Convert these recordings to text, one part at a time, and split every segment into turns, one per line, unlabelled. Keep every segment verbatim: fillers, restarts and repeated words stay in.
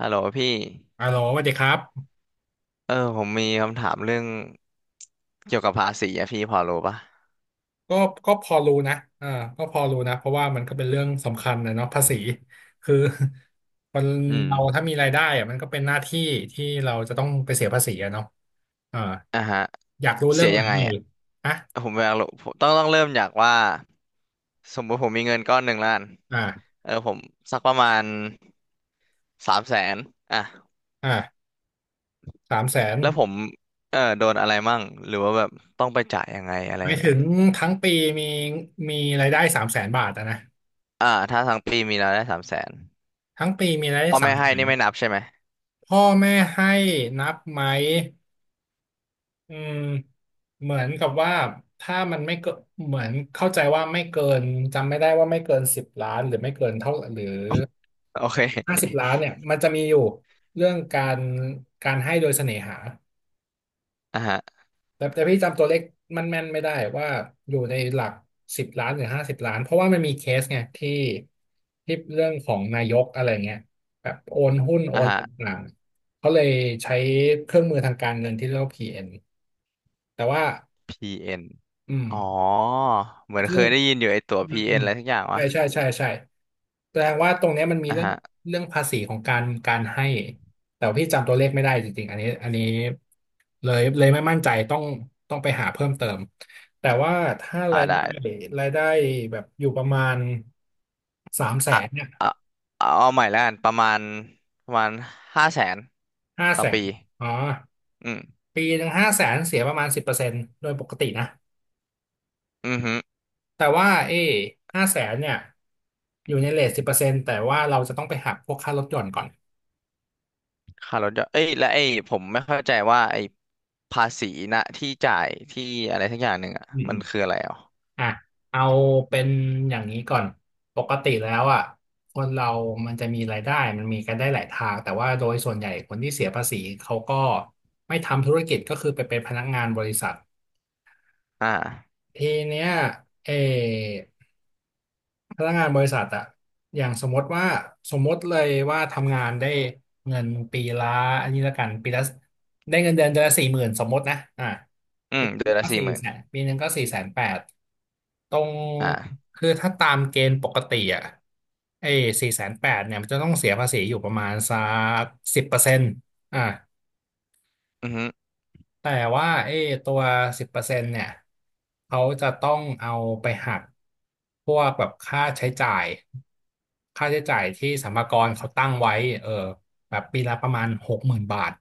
ฮัลโหลพี่
อ่าโหลสวัสดีครับ
เออผมมีคำถามเรื่องเกี่ยวกับภาษีอะพี่พอรู้ปะ
ก็ก็พอรู้นะอ่าก็พอรู้นะเพราะว่ามันก็เป็นเรื่องสำคัญนะเนาะภาษีคือ คน
อืม
เราถ้ามีรายได้อะมันก็เป็นหน้าที่ที่เราจะต้องไปเสียภาษีอะเนาะอ่า
อ่ะฮะ
อยากรู้เรื่
เสี
อง
ย
ไหน
ยังไง
เลย
อะ
ฮะ
ผมอยากรู้ผมต้องต้องเริ่มจากว่าสมมุติผมมีเงินก้อนหนึ่งล้าน
อ่า
เออผมสักประมาณสามแสนอ่ะ
อ่าสามแสน
แล้วผมเออโดนอะไรมั่งหรือว่าแบบต้องไปจ่ายยังไงอะไร
หมาย
ยังไง
ถึงทั้งปีมีมีรายได้สามแสนบาทอะนะ
อ่าถ้าทั้งปีมีรายได้สามแสน
ทั้งปีมีรายได้
พ่อ
สา
แม่
ม
ให้
แสน
นี่ไม่นับใช่ไหม
พ่อแม่ให้นับไหม อืมเหมือนกับว่าถ้ามันไม่เกินเหมือนเข้าใจว่าไม่เกินจำไม่ได้ว่าไม่เกินสิบล้านหรือไม่เกินเท่าหรือ
โอเค
ห้าสิบล้านเนี่ยมันจะมีอยู่เรื่องการการให้โดยเสน่หา
อ่ะฮะ
แต่แต่พี่จำตัวเลขมันแม่นไม่ได้ว่าอยู่ในหลักสิบล้านหรือห้าสิบล้านเพราะว่ามันมีเคสไงที่ที่เรื่องของนายกอะไรเงี้ยแบบโอนหุ้นโอ
อ่ะ
น
ฮะ
ต่างๆเขาเลยใช้เครื่องมือทางการเงินที่เรียกว่าพี เอ็นแต่ว่า
พีเอ็น
อื
อ๋อ
ม
เหมือน
ซึ่
เค
ง
ยได้ยินอยู่ไอตัว
อืมอื
พี เอ็น อน
ม
อะไรทุกอย่าง
ใช่ใช่
วะ
ใช่ใช่แสดงว่าตรงเนี้ยมันมี
อ่ะ
เรื่อง
ฮะ
เรื่องภาษีของการการให้ แต่ว่าพี่จำตัวเลขไม่ได้จริงๆอันนี้อันนี้เลยเลยไม่มั่นใจต้องต้องไปหาเพิ่มเติม แต่ว่าถ้า
อ่า
ราย
ได้
ได้รายได้แบบอยู่ประมาณสามแส
อ่ะ
นเนี่ย
อ่ะเอาเอาใหม่แล้วกันประมาณประมาณห้าแสน
ห้า
ต่อ
แสน
ปี
อ๋อ
อืม
ปีหนึ่งห้าแสนเสียประมาณสิบเปอร์เซ็นต์โดยปกตินะ
อือฮึ
แต่ว่าเอ้ห้าแสนเนี่ยอยู่ในเรทสิบเปอร์เซ็นต์แต่ว่าเราจะต้องไปหักพวกค่ารถยนต์ก่อน
ค่ารถยนต์เอ้ยและไอ้ผมไม่เข้าใจว่าไอ้ภาษีนะที่จ่ายที่อะไรทักอย่างหนึ่งอ่ะ
อืม
มั
อื
น
ม
คืออะไรอ่ะ
อ่ะเอาเป็นอย่างนี้ก่อนปกติแล้วอ่ะคนเรามันจะมีรายได้มันมีกันได้หลายทางแต่ว่าโดยส่วนใหญ่คนที่เสียภาษีเขาก็ไม่ทำธุรกิจก็คือไปเป็นพนักงานบริษัท
อ่า
ทีเนี้ยเออพนักงานบริษัทอ่ะอย่างสมมติว่าสมมติเลยว่าทำงานได้เงินปีละอันนี้ละกันปีละได้เงินเดือนเดือนละสี่หมื่นสมมตินะอ่ะ
อื
ปี
ม
ห
เดื
นึ่
อ
ง
นละ
ก็
สี่
สี่
หมื่น
แสนปีหนึ่งก็สี่แสนแปด ตรง
อ่า
คือถ้าตามเกณฑ์ปกติอ่ะไอ้สี่แสนแปดเนี่ยมันจะต้องเสียภาษีอยู่ประมาณสักสิบเปอร์เซ็นต์อ่ะ
อือฮึ
แต่ว่าไอ้ตัวสิบเปอร์เซ็นต์เนี่ยเขาจะต้องเอาไปหักพวกแบบค่าใช้จ่ายค่าใช้จ่ายที่สรรพากรเขาตั้งไว้เออแบบปีละประมาณหกหมื่นบาท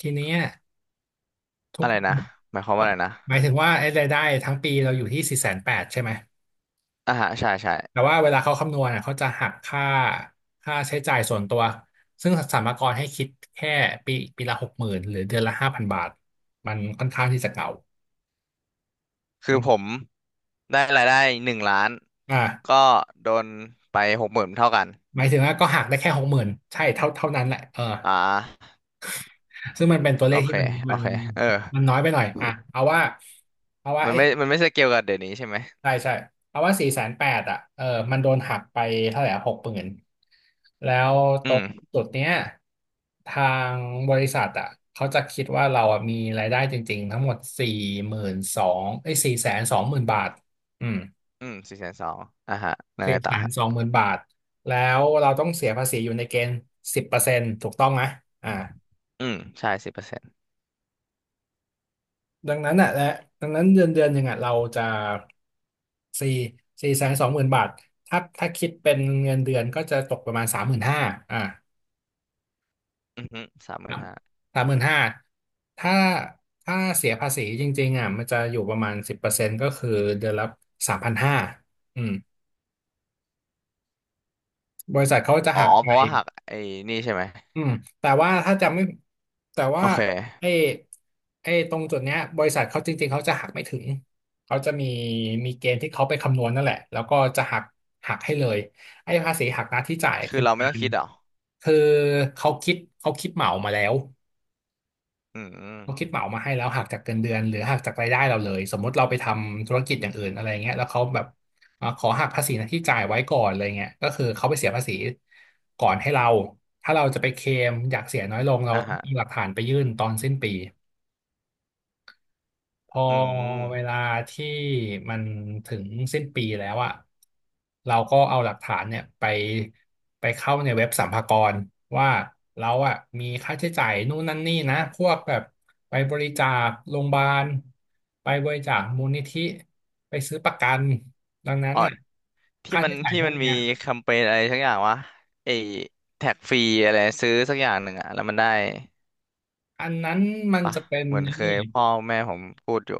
ทีเนี้ยทุ
อะ
ก
ไรนะหมายความว่าอะไรนะ
หมายถึงว่าไอ้รายได้ทั้งปีเราอยู่ที่สี่แสนแปดใช่ไหม
อ่าฮะใช่ใช่
แต่ว่าเวลาเขาคำนวณอะเขาจะหักค่าค่าใช้จ่ายส่วนตัวซึ่งสรรพากรให้คิดแค่ปีปีละหกหมื่นหรือเดือนละห้าพันบาทมันค่อนข้างที่จะเก่า
คือ
มัน
ผม ได้รายได้หนึ่งล้าน
อ่า
ก็โดนไปหกหมื่นเท่ากัน
หมายถึงว่าก็หักได้แค่หกหมื่นใช่เท่าเท่านั้นแหละเออ
อ่า
ซึ่งมันเป็นตัวเล
โอ
ข
เค
ที่มัน
โอ
มัน
เคเออ
มันน้อยไปหน่อยอ่ะเอาว่าเอาว่า
มัน
ไอ้
ไม่มันไม่ใช่เกี่ยวกับเดี๋ยวนี้ใช่ไหม
ใช่ใช่เอาว่าสี่แสนแปดอ่ะเออมันโดนหักไปเท่าไหร่หกหมื่นแล้วต
อื
รง
ม
จุดเนี้ยทางบริษัทอ่ะเขาจะคิดว่าเราอ่ะมีรายได้จริงๆทั้งหมดสี่หมื่นสองไอ้สี่แสนสองหมื่นบาทอืม
อืมสี่แสนสองอ่ะฮะยัง
สี่
ไง
แส
ต่อ
น
ฮะ
สองหมื่นบาท แล้วเราต้องเสียภาษีอยู่ในเกณฑ์สิบเปอร์เซ็นต์ถูกต้องไหมอ่า
อืมใช่สิบเปอร์เซ็นต์
ดังนั้นอ่ะและดังนั้นเดือนเดือนหนึ่งอ่ะเราจะสี่สี่แสนสองหมื่นบาทถ้าถ้าคิดเป็นเงินเดือนก็จะตกประมาณสามหมื่นห้าอ่า
อือฮึสามหมื่น
บ
ห้า
สามหมื่นห้าถ้าถ้าเสียภาษีจริงๆอ่ะมันจะอยู่ประมาณสิบเปอร์เซ็นต์ก็คือเดือนละสามพันห้าอืมบริษัทเขาจะ
อ๋อ
หัก
เพ
ไป
ราะว่าหักไอ้นี่ใช่ไหม
อืมแต่ว่าถ้าจำไม่แต่ว่า
โอเค
ไอ้ไอ้ตรงจุดเนี้ยบริษัทเขาจริงๆเขาจะหักไม่ถึงเขาจะมีมีเกณฑ์ที่เขาไปคำนวณนั่นแหละแล้วก็จะหักหักให้เลยไอ้ภาษีหักหน้าที่จ่าย
คื
คื
อ
อ
เราไม่
กา
ต้อง
ร
คิดเหรอ
คือเขาคิดเขาคิดเหมามาแล้ว
อื
เขาคิด
ม
เหมามาให้แล้วหักจากเงินเดือนหรือหักจากรายได้เราเลยสมมติเราไปทำธุรกิจอย่างอื่นอะไรเงี้ยแล้วเขาแบบเอ่อขอหักภาษีนะที่จ่ายไว้ก่อนอะไรเงี้ยก็คือเขาไปเสียภาษีก่อนให้เราถ้าเราจะไปเคลมอยากเสียน้อยลงเรา
อ่ะ
ต้อง
ฮะ
มีหลักฐานไปยื่นตอนสิ้นปี พอ
อื
เว
ม
ลาที่มันถึงสิ้นปีแล้วอะเราก็เอาหลักฐานเนี่ยไปไปเข้าในเว็บสรรพากรว่าเราอะมีค่าใช้จ่ายนู่นนั่นนี่นะพวกแบบไปบริจาคโรงพยาบาลไปบริจาคมูลนิธิไปซื้อประกันดังนั้น
อ๋อ
อะ
ที่
ค่า
มัน
ใช้จ่าย
ที่
พว
มั
ก
นมี
เนี้ย
แคมเปญอะไรสักอย่างวะไอ้แท็กฟรีอะไรซื้อสักอย่างหนึ่งอะแล้วมันได้
อันนั้นมัน
ปะ
จะเป็น
เหมือน
ไอ้
เค
นี่
ยพ่อแม่ผมพูดอยู่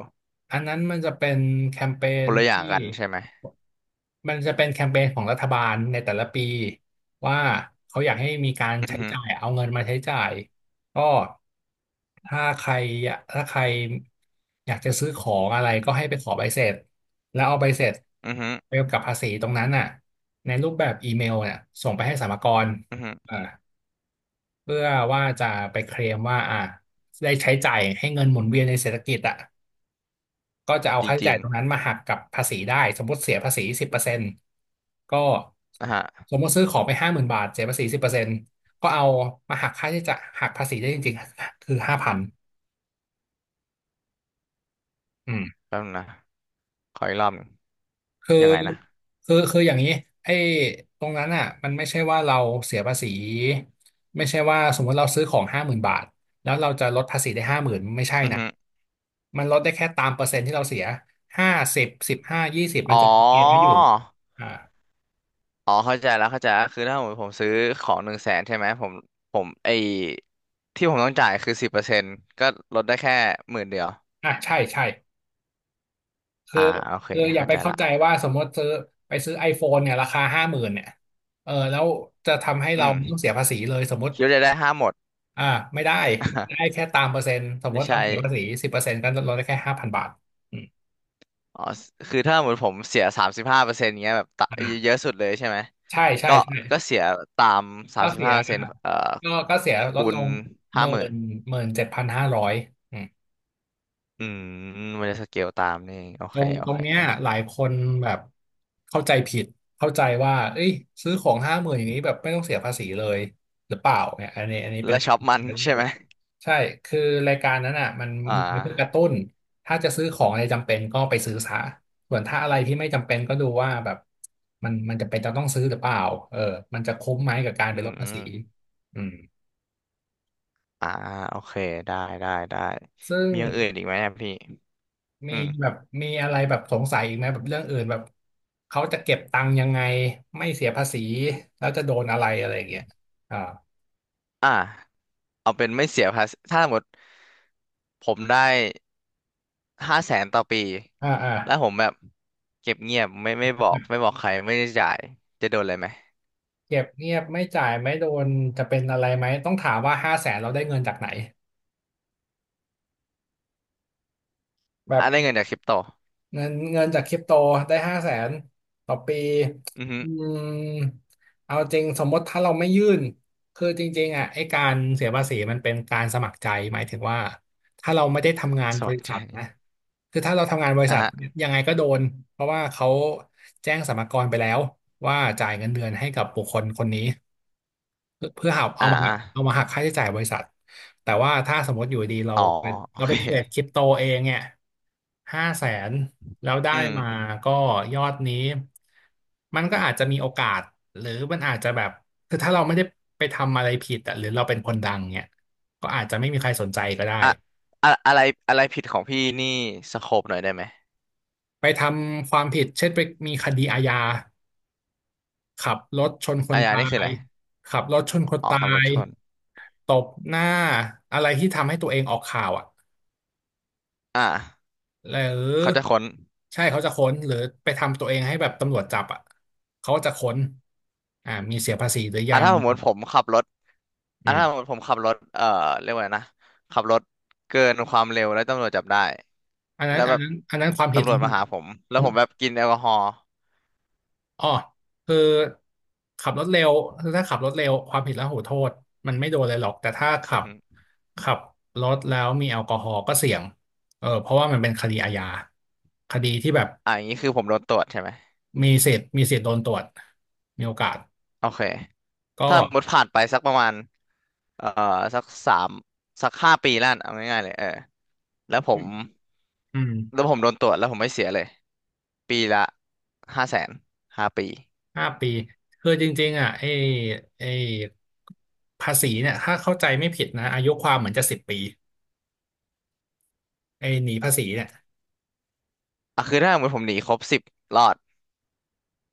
อันนั้นมันจะเป็นแคมเป
ค
ญ
นละอย่า
ที่
งกันใช่ไหม
มันจะเป็นแคมเปญของรัฐบาลในแต่ละปีว่าเขาอยากให้มีการ
อื
ใช้
อฮึ
จ่ายเอาเงินมาใช้จ่ายก็ถ้าใครอยากถ้าใครอยากจะซื้อของอะไรก็ให้ไปขอใบเสร็จแล้วเอาใบเสร็จ
อือฮึ
ไปกับภาษีตรงนั้นน่ะในรูปแบบอีเมลเนี่ยส่งไปให้สรรพากร
อือฮึ
อ่าเพื่อว่าจะไปเคลมว่าอ่าได้ใช้จ่ายให้เงินหมุนเวียนในเศรษฐกิจอ่ะ ก็จะเอา
จ
ค่าใช้
ริ
จ่า
ง
ยตรงนั้นมาหักกับภาษีได้สมมติเสียภาษีสิบเปอร์เซ็นต์ก็
ๆนะฮะ
สมมติซื้อของไปห้าหมื่นบาทเสียภาษีสิบเปอร์เซ็นต์ก็เอามาหักค่าใช้จ่ายหักภาษีได้จริงๆคือห้าพันอืม
แป๊บนึงนะขออีกรอบหนึ่ง
คือ
ยังไงนะ
คือคืออย่างนี้ไอ้ตรงนั้นอ่ะมันไม่ใช่ว่าเราเสียภาษีไม่ใช่ว่าสมมติเราซื้อของห้าหมื่นบาทแล้วเราจะลดภาษีได้ห้าหมื่นไม่ใช่
อือ
นะ
ฮึ
มันลดได้แค่ตามเปอร์เซ็นต์ที่เราเสียห้าสิบสิบห้ายี่สิบมัน
อ๋
จะ
อ
มีเกณฑ์ไว้อยู่อ่า
อ๋อเข้าใจแล้วเข้าใจแล้วคือถ้าผมผมซื้อของหนึ่งแสนใช่ไหมผมผมไอที่ผมต้องจ่ายคือสิบเปอร์เซ็นต์ก็ลดได้แค่หมื่นเดียว
อ่ะใช่ใช่ คือ
อ่าโอเค
คืออย่า
เข้า
ไป
ใจ
เข้าใจ
ละ
ว่าสมมติซื้อไปซื้อ ไอโฟน เนี่ยราคาห้าหมื่นเนี่ยเออแล้วจะทำให้
อื
เรา
ม
ไม่ต้องเสียภาษีเลยสมมติ
คิดว่าจะได้ห้าหมด
อ่าไม่ได้ไม่ได้แค่ ตามเปอร์เซ็นต์สมม
ไม่
ติเรา
ใช่
เสียภาษีสิบเปอร์เซ็นต์ก็ลดได้แค่ห้าพันบาทอืม
อ๋อ คือถ้าหมืนผมเสียสามสิบห้าเปอร์เซ็นต์เงี้ยแบบตะ
อ่า
เยอะสุดเลยใช่ไหม
ใช่ใช่
ก็
ใช่
ก็เสียตามสา
ก็
มสิบ
เสีย
ห้าเปอร์เซ็นต์เอ่อ
ก็ก็เสียลด
คู
ล
ณ
งห
ห้า
มื่
หมื่น
นหมื่นเจ็ดพันห้าร้อย
อืมมันจะสเกลตามนี่เองโอ
ตร
เค
ง
โอ
ตรง
เค
เนี้ยหลายคนแบบเข้าใจผิดเข้าใจว่าเอ้ยซื้อของห้าหมื่นอย่างนี้แบบไม่ต้องเสียภาษีเลยหรือเปล่าเนี่ยอันนี้อันนี้เป็น
แล้ว
ค
ช็
วา
อ
ม
ป
คิ
มั
ด
น
ที่ไม่
ใช่
ถู
ไหม
กใช่คือรายการนั้นอ่ะมัน
อ่
มีไว้เพื่อกระ
า
ตุ้นถ้าจะซื้อของอะไรจำเป็นก็ไปซื้อซะส่วนถ้าอะไรที่ไม่จำเป็นก็ดูว่าแบบมันมันจะเป็นจะต้องซื้อหรือเปล่าเออมันจะคุ้มไหมกับการ
อื
ไปลดภาษี
ม
อืม
อ่าโอเค ได้ ได้ ได้
ซึ่ง
มีอย่างอื่นอีกไหมอะพี่
มี
อืม
แบบมีอะไรแบบสงสัยอีกไหมแบบเรื่องอื่นแบบเขาจะเก็บตังค์ยังไงไม่เสียภาษีแล้วจะโดนอะไรอะไรอย่างเงี้ยอ่า
อ่าเอาเป็นไม่เสียภาษีถ้าสมมติผมได้ ห้าแสนต่อปี
อ่าอ่า
แล้วผมแบบเก็บเงียบไม่ไม่บอกไม่บอกใครไม่ได้จ่ายจะโดนอะไรไหม
เก็บเงียบไม่จ่ายไม่โดนจะเป็นอะไรไหมต้องถามว่าห้าแสนเราได้เงินจากไหนแบ
อ่ะ
บ
ได้เงินจากคริปโต
เงินเงินจากคริปโตได้ห้าแสนต่อปี
อือฮึ
อืมเอาจริงสมมติถ้าเราไม่ยื่นคือจริงๆอ่ะไอ้การเสียภาษีมันเป็นการสมัครใจหมายถึงว่าถ้าเราไม่ได้ทำงาน
ส
บ
อง
ริ
ใจ
ษัทนะคือถ้าเราทำงานบริ
อ่ะ
ษัท
ฮะ
ยังไงก็โดนเพราะว่าเขาแจ้งสรรพากรไปแล้วว่าจ่ายเงินเดือนให้กับบุคคลคนนี้ เพื่อเพื่อหา
อ่า
เอามาหั
อะ
กเอามาหักค่าใช้จ่ายบริษัทแต่ว่าถ้าสมมติอยู่ดีเรา
อ๋อ
ไป
โอ
เรา
เค
ไปเทรดคริปโตเองเนี่ยห้าแสนแล้วได้
อื
มา
ม
ก็ยอดนี้มันก็อาจจะมีโอกาสหรือมันอาจจะแบบคือถ้าเราไม่ได้ไปทำอะไรผิดอะหรือเราเป็นคนดังเนี่ยก็อาจจะไม่มีใครสนใจก็ได้
อ่ะอะอะไรอะไรผิดของพี่นี่สโคปหน่อยได้ไหม
ไปทำความผิดเช่นไปมีคดีอาญาขับรถชนค
อา
น
ญา
ตา
นี่คืออะ
ย
ไร
ขับรถชนคน
อ๋อ
ตา
ขับรถ
ย
ชน
ตบหน้าอะไรที่ทำให้ตัวเองออกข่าวอ่ะ
อ่ะ
หรื
เขาจะ
อ
ค้น
ใช่เขาจะค้นหรือไปทำตัวเองให้แบบตำรวจจับอ่ะเขาจะค้นอ่ามีเสียภาษีหรือ
อ่ะ
ยัง
ถ้าสมมติผมขับรถอ่ะ
อืม
ถ้าสมมติผมขับรถเอ่อเรียกว่าไงนะขับรถเกินความเร็วแล้วตำรวจจับได้
อันนั้
แล้
น
ว
อั
แบ
น
บ
นั้นอันนั้นความผิด
ตำร
นี่
วจ
คื
มา
อ
หาผมแล้วผมแบบกินแอลกอฮอล์
อ๋อคือขับรถเร็วคือถ้าขับรถเร็วความผิดแล้วหูโทษมันไม่โดนเลยหรอกแต่ถ้า
อื
ขั
อ
บ
ฮึ
ขับรถแล้วมีแอลกอฮอล์ก็เสี่ยงเออเพราะว่ามันเป็นคดีอาญาคดีที่แบบ
อ่าอย่างนี้คือผมโดนตรวจใช่ไหม
มีสิทธิ์มีสิทธิ์โดนตรวจมีโอกาส
โอเค
ก็
ถ้าสมมติผ่านไปสักประมาณเอ่อสักสามสักห้าปีแล้วกันเอาง่ายๆเลยเออแล้วผม
อืม
แล้วผมโดนตรวจแล้วผมไม่เสียเลยปีละห้าแสนห้าปี
ห้าปีคือจริงๆอ่ะไอ้ไอ้ภาษีเนี่ยถ้าเข้าใจไม่ผิดนะอายุความเหมือนจะสิบปีไอ้หนีภาษีเนี่ย
อ่ะคือถ้าสมมติผมหนีครบสิบรอด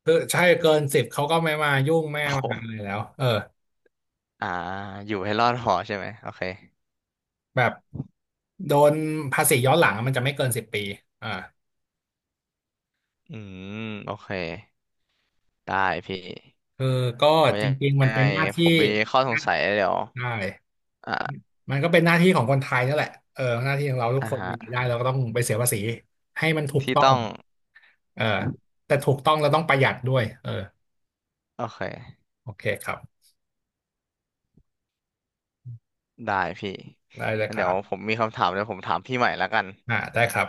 คือใช่เกินสิบเขาก็ไม่มายุ่งไม่
โอ้
มา
โห
อะไรแล้วเออ
อ่าอยู่ให้รอดพอใช่ไหมโอเค
แบบโดนภาษีย้อนหลังมันจะไม่เกินสิบปีอ่า
อืมโอเคได้พี่
คือก็
ไว้
จ
ยัง
ริงๆมั
ไง
นเป็นหน้า
ผ
ที่
มมีข้อสงสัยเดี๋ยว
ใช่
อ่า
มันก็เป็นหน้าที่ของคนไทยนั่นแหละเออหน้าที่ของเราทุก
อ่า
คน
ฮะ
มีรายได้เราก็ต้องไปเสียภาษีให้มันถูก
ที่
ต้อง
ต้อง
เออแต่ถูกต้องเราต้องประหยัดด้วยเออ
โอเค
โอเคครับ
ได้พี่
ได้เลย
งั้น
ครั
เดี๋ยวผ
บ
มมีคำถามเดี๋ยวผมถามพี่ใหม่แล้วกัน
อ่าได้ครับ